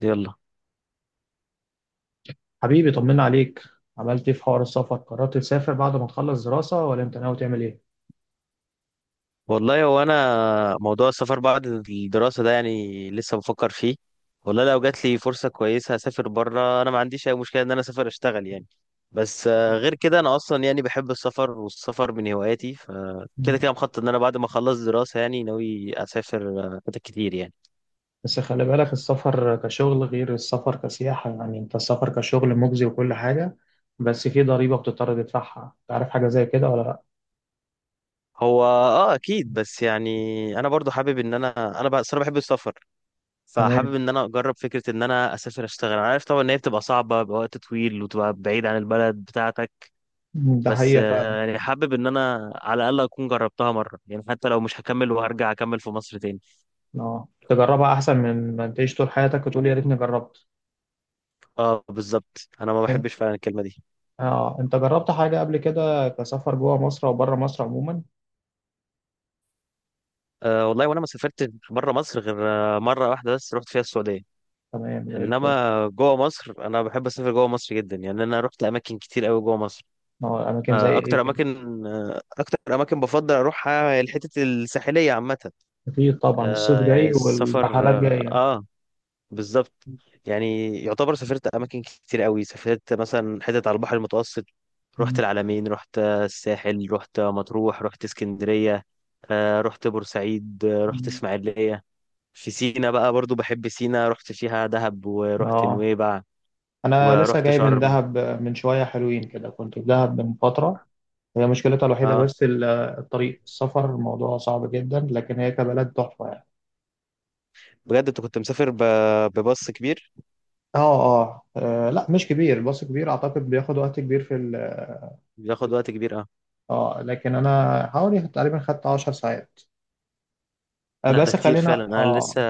يلا. حبيبي طمنا عليك. عملت ايه في حوار السفر؟ قررت تسافر بعد ما تخلص دراسة ولا انت ناوي تعمل ايه؟ والله انا موضوع السفر بعد الدراسه ده لسه بفكر فيه. والله لو جات لي فرصه كويسه هسافر بره، انا ما عنديش اي مشكله ان انا اسافر اشتغل. بس غير كده انا اصلا بحب السفر، والسفر من هواياتي، فكده كده مم. كده مخطط ان انا بعد ما اخلص دراسه ناوي اسافر. حتت كتير يعني. بس خلي بالك، السفر كشغل غير السفر كسياحة. يعني انت السفر كشغل مجزي وكل حاجة، بس في ضريبة بتضطر تدفعها. تعرف حاجة زي كده ولا لا؟ هو اه اكيد، بس يعني انا برضو حابب ان انا بقى صراحة بحب السفر، تمام. فحابب ان انا اجرب فكره ان انا اسافر اشتغل. انا عارف طبعا ان هي بتبقى صعبه بوقت طويل وتبقى بعيد عن البلد بتاعتك، مم، ده بس حقيقة فعلا. يعني حابب ان انا على الاقل اكون جربتها مره، يعني حتى لو مش هكمل وهرجع اكمل في مصر تاني. اه، تجربها احسن من ما تعيش طول حياتك وتقول يا ريتني جربت. اه بالظبط، انا ما فاهم؟ بحبش فعلا الكلمه دي. اه، انت جربت حاجة قبل كده كسفر جوه مصر او بره مصر عموما؟ والله وانا ما سافرت بره مصر غير مره واحده بس، رحت فيها السعوديه. تمام زي الفل. انما جوه مصر انا بحب اسافر جوه مصر جدا، يعني انا رحت اماكن كتير قوي جوه مصر. اه اماكن زي ايه؟ اكتر اماكن بفضل اروحها هي الحتت الساحليه عامه. أكيد طبعا، الصيف آه، يعني جاي السفر والرحلات اه جاية. آه، بالظبط. يعني يعتبر سافرت اماكن كتير قوي، سافرت مثلا حتت على البحر المتوسط، رحت مم. العلمين، رحت الساحل، رحت مطروح، رحت اسكندريه، رحت بورسعيد، رحت مم. اسماعيليه. في سينا بقى برضو بحب سينا، رحت فيها دهب ورحت اه، نويبع أنا لسه ورحت جاي من شرم. دهب من شوية، حلوين كده، كنت في دهب من فترة. هي مشكلتها الوحيدة اه بس الطريق، السفر الموضوع صعب جدا، لكن هي كبلد تحفة يعني. بجد. انت كنت مسافر ب- بباص كبير؟ اه اه لا مش كبير، الباص كبير أعتقد بياخد وقت كبير في ال. بياخد وقت كبير اه. اه لكن أنا حوالي تقريبا خدت 10 ساعات. لا ده بس كتير خلينا فعلا. انا لسه اه.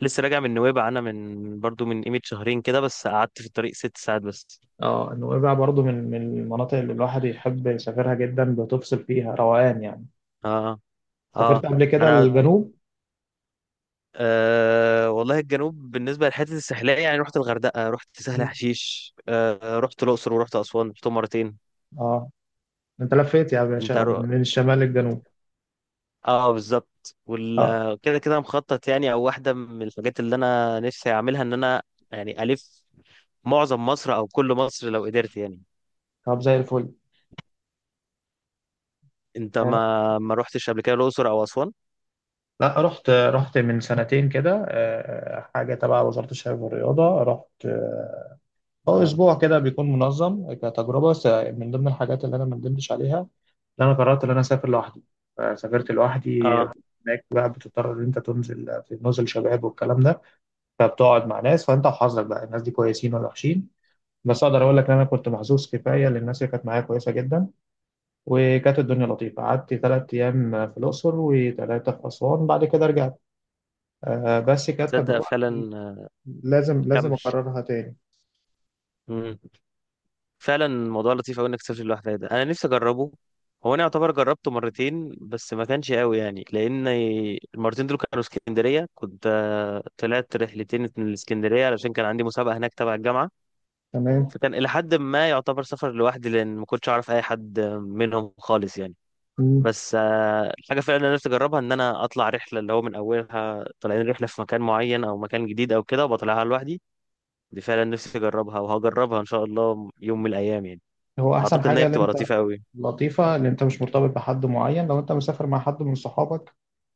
لسه راجع من نويبع انا، من برضو من قيمه شهرين كده، بس قعدت في الطريق ست ساعات بس. اه، نويبع برضو من المناطق اللي الواحد يحب يسافرها جدا، بتفصل فيها روقان يعني. اه. اه. سافرت قبل كده انا الجنوب؟ آه والله الجنوب بالنسبه للحته الساحليه، يعني رحت الغردقه، رحت سهل مم. حشيش، آه رحت الاقصر ورحت اسوان، رحتهم مرتين. اه، انت لفيت يا انت باشا رو... من الشمال للجنوب. اه بالظبط. اه وال كده كده مخطط، يعني او واحده من الحاجات اللي انا نفسي اعملها ان انا الف معظم مصر، او كل مصر لو قدرت يعني. طب زي الفل. انت آه. ما ما رحتش قبل كده الاقصر او اسوان؟ لا رحت من سنتين كده، حاجه تبع وزاره الشباب والرياضه. رحت اه، هو اه. اسبوع كده بيكون منظم كتجربه من ضمن الحاجات اللي انا ما ندمتش عليها، ان انا قررت ان انا اسافر لوحدي، فسافرت لوحدي. اه هناك بقى بتضطر ان انت تنزل في نزل شباب والكلام ده، فبتقعد مع ناس، فانت وحظك بقى، الناس دي كويسين ولا وحشين. بس اقدر اقول لك ان انا كنت محظوظ كفايه، لان الناس اللي كانت معايا كويسه جدا وكانت الدنيا لطيفه. قعدت ثلاث ايام في الاقصر وثلاثه في اسوان، بعد كده رجعت. آه بس كانت تصدق تجربه، فعلا. لازم لازم كمل. اكررها تاني. فعلا الموضوع لطيف قوي انك تسافر لوحدك، ده انا نفسي اجربه. هو انا يعتبر جربته مرتين بس ما كانش قوي، يعني لان المرتين دول كانوا اسكندريه، كنت طلعت رحلتين من الاسكندريه علشان كان عندي مسابقه هناك تبع الجامعه. تمام. فكان الى حد ما يعتبر سفر لوحدي، لان ما كنتش اعرف اي حد منهم خالص يعني. مم. بس الحاجه فعلا اللي انا نفسي اجربها ان انا اطلع رحله، اللي هو من اولها طالعين رحله في مكان معين او مكان جديد او كده، وبطلعها لوحدي. دي فعلا نفسي اجربها وهجربها ان شاء الله يوم من الايام يعني. هو احسن اعتقد ان حاجه هي ان بتبقى انت، لطيفه قوي. لطيفه ان انت مش مرتبط بحد معين. لو انت مسافر مع حد من صحابك،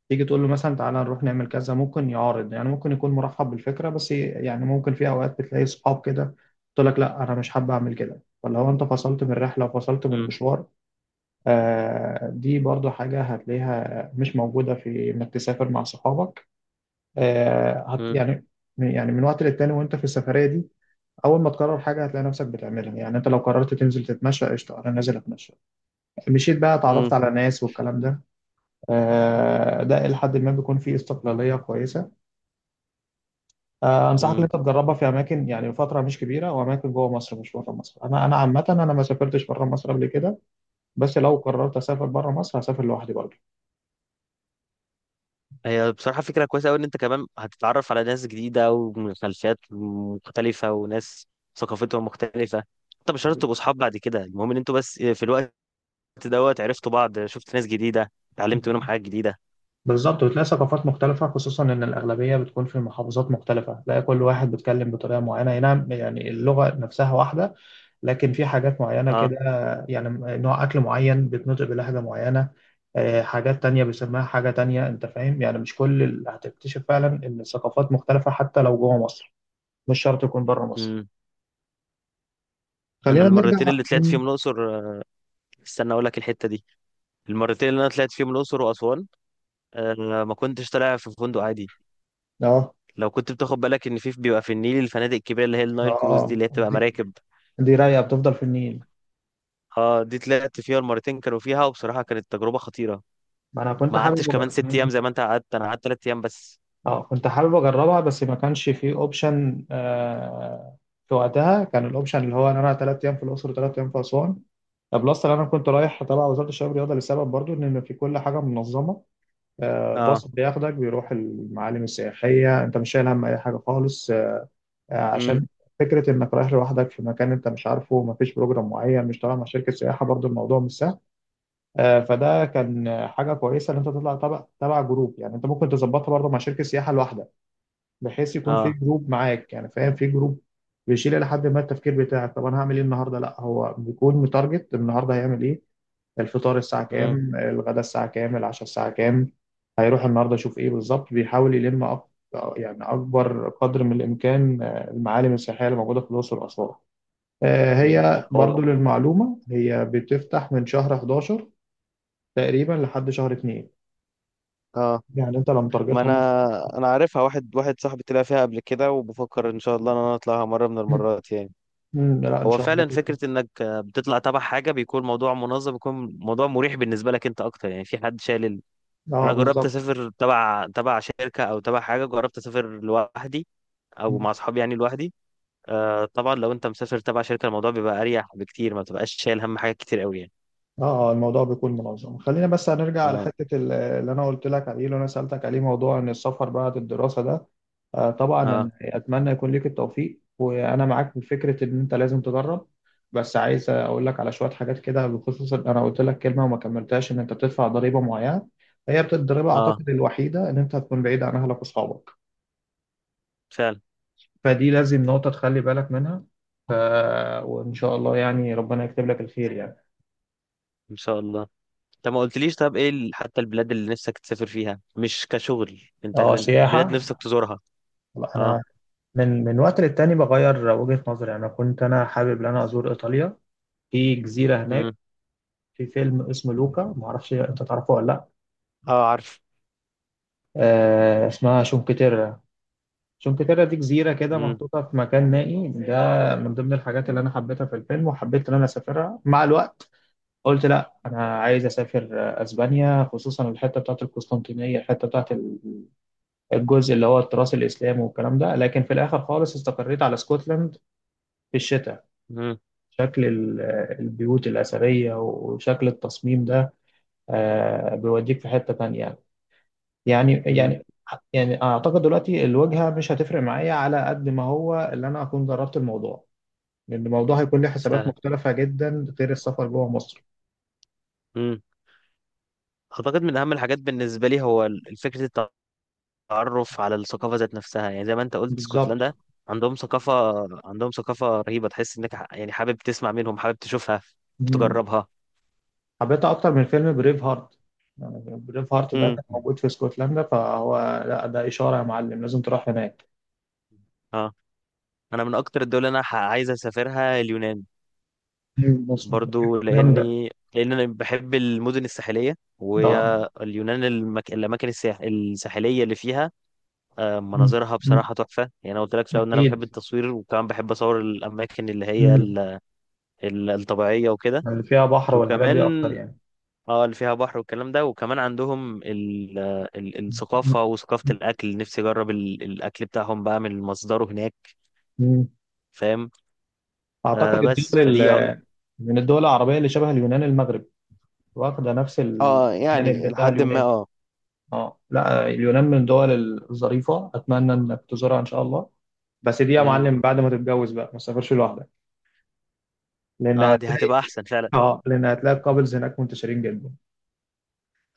تيجي تقول له مثلا تعالى نروح نعمل كذا، ممكن يعارض، يعني ممكن يكون مرحب بالفكره، بس يعني ممكن في اوقات بتلاقي صحاب كده تقول لك لا انا مش حابب اعمل كده. فلو انت فصلت من الرحله وفصلت من مم. المشوار، دي برضو حاجة هتلاقيها مش موجودة في إنك تسافر مع صحابك. آه، هت مم. يعني يعني من وقت للتاني وأنت في السفرية دي، أول ما تقرر حاجة هتلاقي نفسك بتعملها. يعني أنت لو قررت تنزل تتمشى، قشطة أنا نازل أتمشى، مشيت بقى، اتعرفت مم. على ناس والكلام ده. ده إلى حد ما بيكون فيه استقلالية كويسة. أنصحك إن مم. أنت تجربها في أماكن، يعني فترة مش كبيرة وأماكن جوه مصر مش بره مصر. أنا أنا عامة أنا ما سافرتش بره مصر قبل كده، بس لو قررت أسافر بره مصر هسافر لوحدي. هي بصراحه فكره كويسه قوي ان انت كمان هتتعرف على ناس جديده ومن خلفيات مختلفه، وناس ثقافتهم مختلفه. انت مش شرط برضه تبقوا اصحاب بعد كده، المهم ان انتوا بس في الوقت دوت عرفتوا بعض، شفت ناس جديده، اتعلمت منهم حاجات جديده. بالظبط، وتلاقي ثقافات مختلفة، خصوصا إن الأغلبية بتكون في محافظات مختلفة، تلاقي كل واحد بيتكلم بطريقة معينة. أي نعم يعني اللغة نفسها واحدة، لكن في حاجات معينة اه. كده، يعني نوع أكل معين بيتنطق بلهجة معينة. حاجات تانية بيسموها حاجة تانية. أنت فاهم، يعني مش كل اللي هتكتشف فعلا إن الثقافات مختلفة حتى لو جوه مصر، مش شرط يكون بره مصر. مم. انا خلينا المرتين نرجع. اللي طلعت مم. فيهم الاقصر، استنى اقول لك الحته دي. المرتين اللي انا طلعت فيهم الاقصر واسوان، آه ما كنتش طالع في فندق عادي. اه لو كنت بتاخد بالك ان في بيبقى في النيل الفنادق الكبيره اللي هي النايل كروز دي، اه اللي هي بتبقى دي, مراكب. دي رايقة بتفضل في النيل. اه دي طلعت فيها المرتين، كانوا فيها وبصراحة كانت تجربة خطيرة. ما أنا كنت ما قعدتش حابب كمان ست ايام أجرب. زي ما انت قعدت، انا قعدت ثلاث ايام بس. اه، كنت حابب اجربها بس ما كانش فيه اوبشن آه. في وقتها كان الاوبشن اللي هو ان انا ثلاث ايام في الاقصر وثلاث ايام في اسوان، بلس ان انا كنت رايح تبع وزاره الشباب والرياضه لسبب برضو ان في كل حاجه منظمه. آه اه. باص بياخدك بيروح المعالم السياحيه، انت مش شايل هم اي حاجه خالص. آه امم. عشان فكره انك رايح لوحدك في مكان انت مش عارفه، ما فيش بروجرام معين، مش طالع مع شركه سياحه، برضو الموضوع مش سهل. آه فده كان حاجه كويسه ان انت تطلع تبع جروب. يعني انت ممكن تظبطها برضو مع شركه سياحه لوحدك، بحيث يكون في اه. جروب معاك. يعني فاهم، في جروب بيشيل لحد ما التفكير بتاعك، طب انا هعمل ايه النهارده، لا هو بيكون متارجت النهارده هيعمل ايه، الفطار الساعه امم. كام، الغداء الساعه كام، العشاء الساعه كام، هيروح النهارده يشوف ايه بالظبط. بيحاول يلم يعني اكبر قدر من الامكان المعالم السياحيه اللي موجوده في الاقصر واسوان. أمم. هي هو برضو للمعلومه هي بتفتح من شهر 11 تقريبا لحد شهر 2. اه يعني انت لو ما متارجتها ممكن. انا انا عارفها واحد واحد، صاحبي طلع فيها قبل كده، وبفكر ان شاء الله ان انا اطلعها مره من المرات يعني. لا ان هو شاء الله فعلا تفتح. فكرة انك بتطلع تبع حاجة بيكون موضوع منظم، بيكون موضوع مريح بالنسبة لك انت اكتر، يعني في حد شايل ال... اه انا جربت بالظبط. اسافر تبع شركة او تبع حاجة، جربت اسافر لوحدي او مع اصحابي يعني لوحدي. آه طبعا لو انت مسافر تبع شركه الموضوع بيبقى اريح بكتير، ما بتبقاش شايل هم حاجات كتير قوي يعني. اه، الموضوع بيكون منظم. خلينا بس هنرجع على اه. حتة اللي انا قلت لك عليه، اللي انا سألتك عليه، موضوع ان السفر بعد الدراسة ده. طبعا أنا اه. اتمنى يكون ليك التوفيق، وانا معاك في فكرة ان انت لازم تدرب. بس عايز اقول لك على شوية حاجات كده، بخصوص إن انا قلت لك كلمة وما كملتهاش ان انت بتدفع ضريبة معينة. هي الضريبة اه اعتقد الوحيدة ان انت هتكون بعيد عن اهلك واصحابك، فعلا. فدي لازم نقطة تخلي بالك منها. ف... وان شاء الله يعني ربنا يكتب لك الخير يعني. ان شاء الله. طب ما قلتليش، طب ايه ال- حتى البلاد اللي نفسك تسافر فيها مش كشغل، انت اه من سياحة. بلاد نفسك تزورها؟ انا اه. من وقت للتاني بغير وجهة نظري. يعني انا كنت، انا حابب ان انا ازور ايطاليا، في جزيرة امم. هناك، في فيلم اسمه لوكا، معرفش انت تعرفه ولا لا. اه عارف. آه اسمها شونكتيرا. شونكتيرا دي جزيرة كده امم. محطوطة في مكان نائي، ده من ضمن الحاجات اللي انا حبيتها في الفيلم وحبيت ان انا اسافرها مع الوقت. قلت لا، انا عايز اسافر اسبانيا، خصوصا الحتة بتاعت القسطنطينية، الحتة بتاعت الجزء اللي هو التراث الاسلامي والكلام ده. لكن في الاخر خالص استقريت على اسكتلند في الشتاء. امم. شكل البيوت الأثرية وشكل التصميم ده بيوديك في حتة تانية. يعني امم. يعني يعني أعتقد دلوقتي الواجهة مش هتفرق معايا على قد ما هو اللي أنا أكون جربت الموضوع، لأن الموضوع هيكون له حسابات فعلا. مختلفة جدا غير السفر جوه مصر. امم. اعتقد من اهم الحاجات بالنسبه لي هو ال- فكره التعرف على الثقافه ذات نفسها، يعني زي ما انت قلت بالظبط. اسكتلندا عندهم ثقافه، عندهم ثقافه رهيبه، تحس انك ح- يعني حابب تسمع منهم، حابب تشوفها مم. تجربها. حبيتها أكتر من فيلم بريف هارت. يعني بريف هارت ده امم. كان موجود في اسكتلندا، فهو لا ده إشارة يا معلم لازم تروح هناك. اه انا من اكتر الدول اللي انا ح- عايز اسافرها اليونان، مم. مصر برضو جامدة. لان انا بحب المدن الساحليه، وهي اه. اليونان المك... الاماكن الساح... الساحليه اللي فيها مم. مناظرها مم. بصراحه تحفه يعني. أنا قلت لك في الاول ان انا بحب أكيد. التصوير، وكمان بحب اصور الاماكن اللي هي ال... مم. ال- الطبيعيه وكده. اللي فيها بحر والحاجات وكمان دي اكتر يعني. اه اللي فيها بحر والكلام ده، وكمان عندهم ال... ال... الثقافه وثقافه الاكل، نفسي اجرب ال... الاكل بتاعهم بقى من مصدره هناك. مم. فاهم؟ أعتقد آه بس الدول فدي من الدول العربية اللي شبه اليونان المغرب، واخدة نفس اه الجانب يعني بتاع لحد ما اليونان. اه. اه لا، اليونان من الدول الظريفة. أتمنى إنك تزورها إن شاء الله، بس دي يا امم. معلم بعد ما تتجوز بقى ما تسافرش لوحدك. لأن اه دي هتلاقي هتبقى احسن فعلا. اه، لأن هتلاقي الكابلز هناك منتشرين جدا.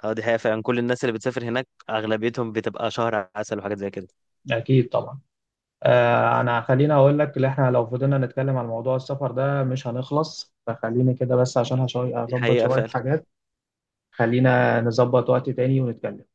اه دي حقيقة فعلا، كل الناس اللي بتسافر هناك اغلبيتهم بتبقى شهر عسل وحاجات زي كده. اكيد طبعا. آه انا خليني اقول لك، اللي احنا لو فضلنا نتكلم عن موضوع السفر ده مش هنخلص، فخليني كده بس عشان دي هظبط حقيقة شوية فعلا. حاجات. خلينا نظبط وقت تاني ونتكلم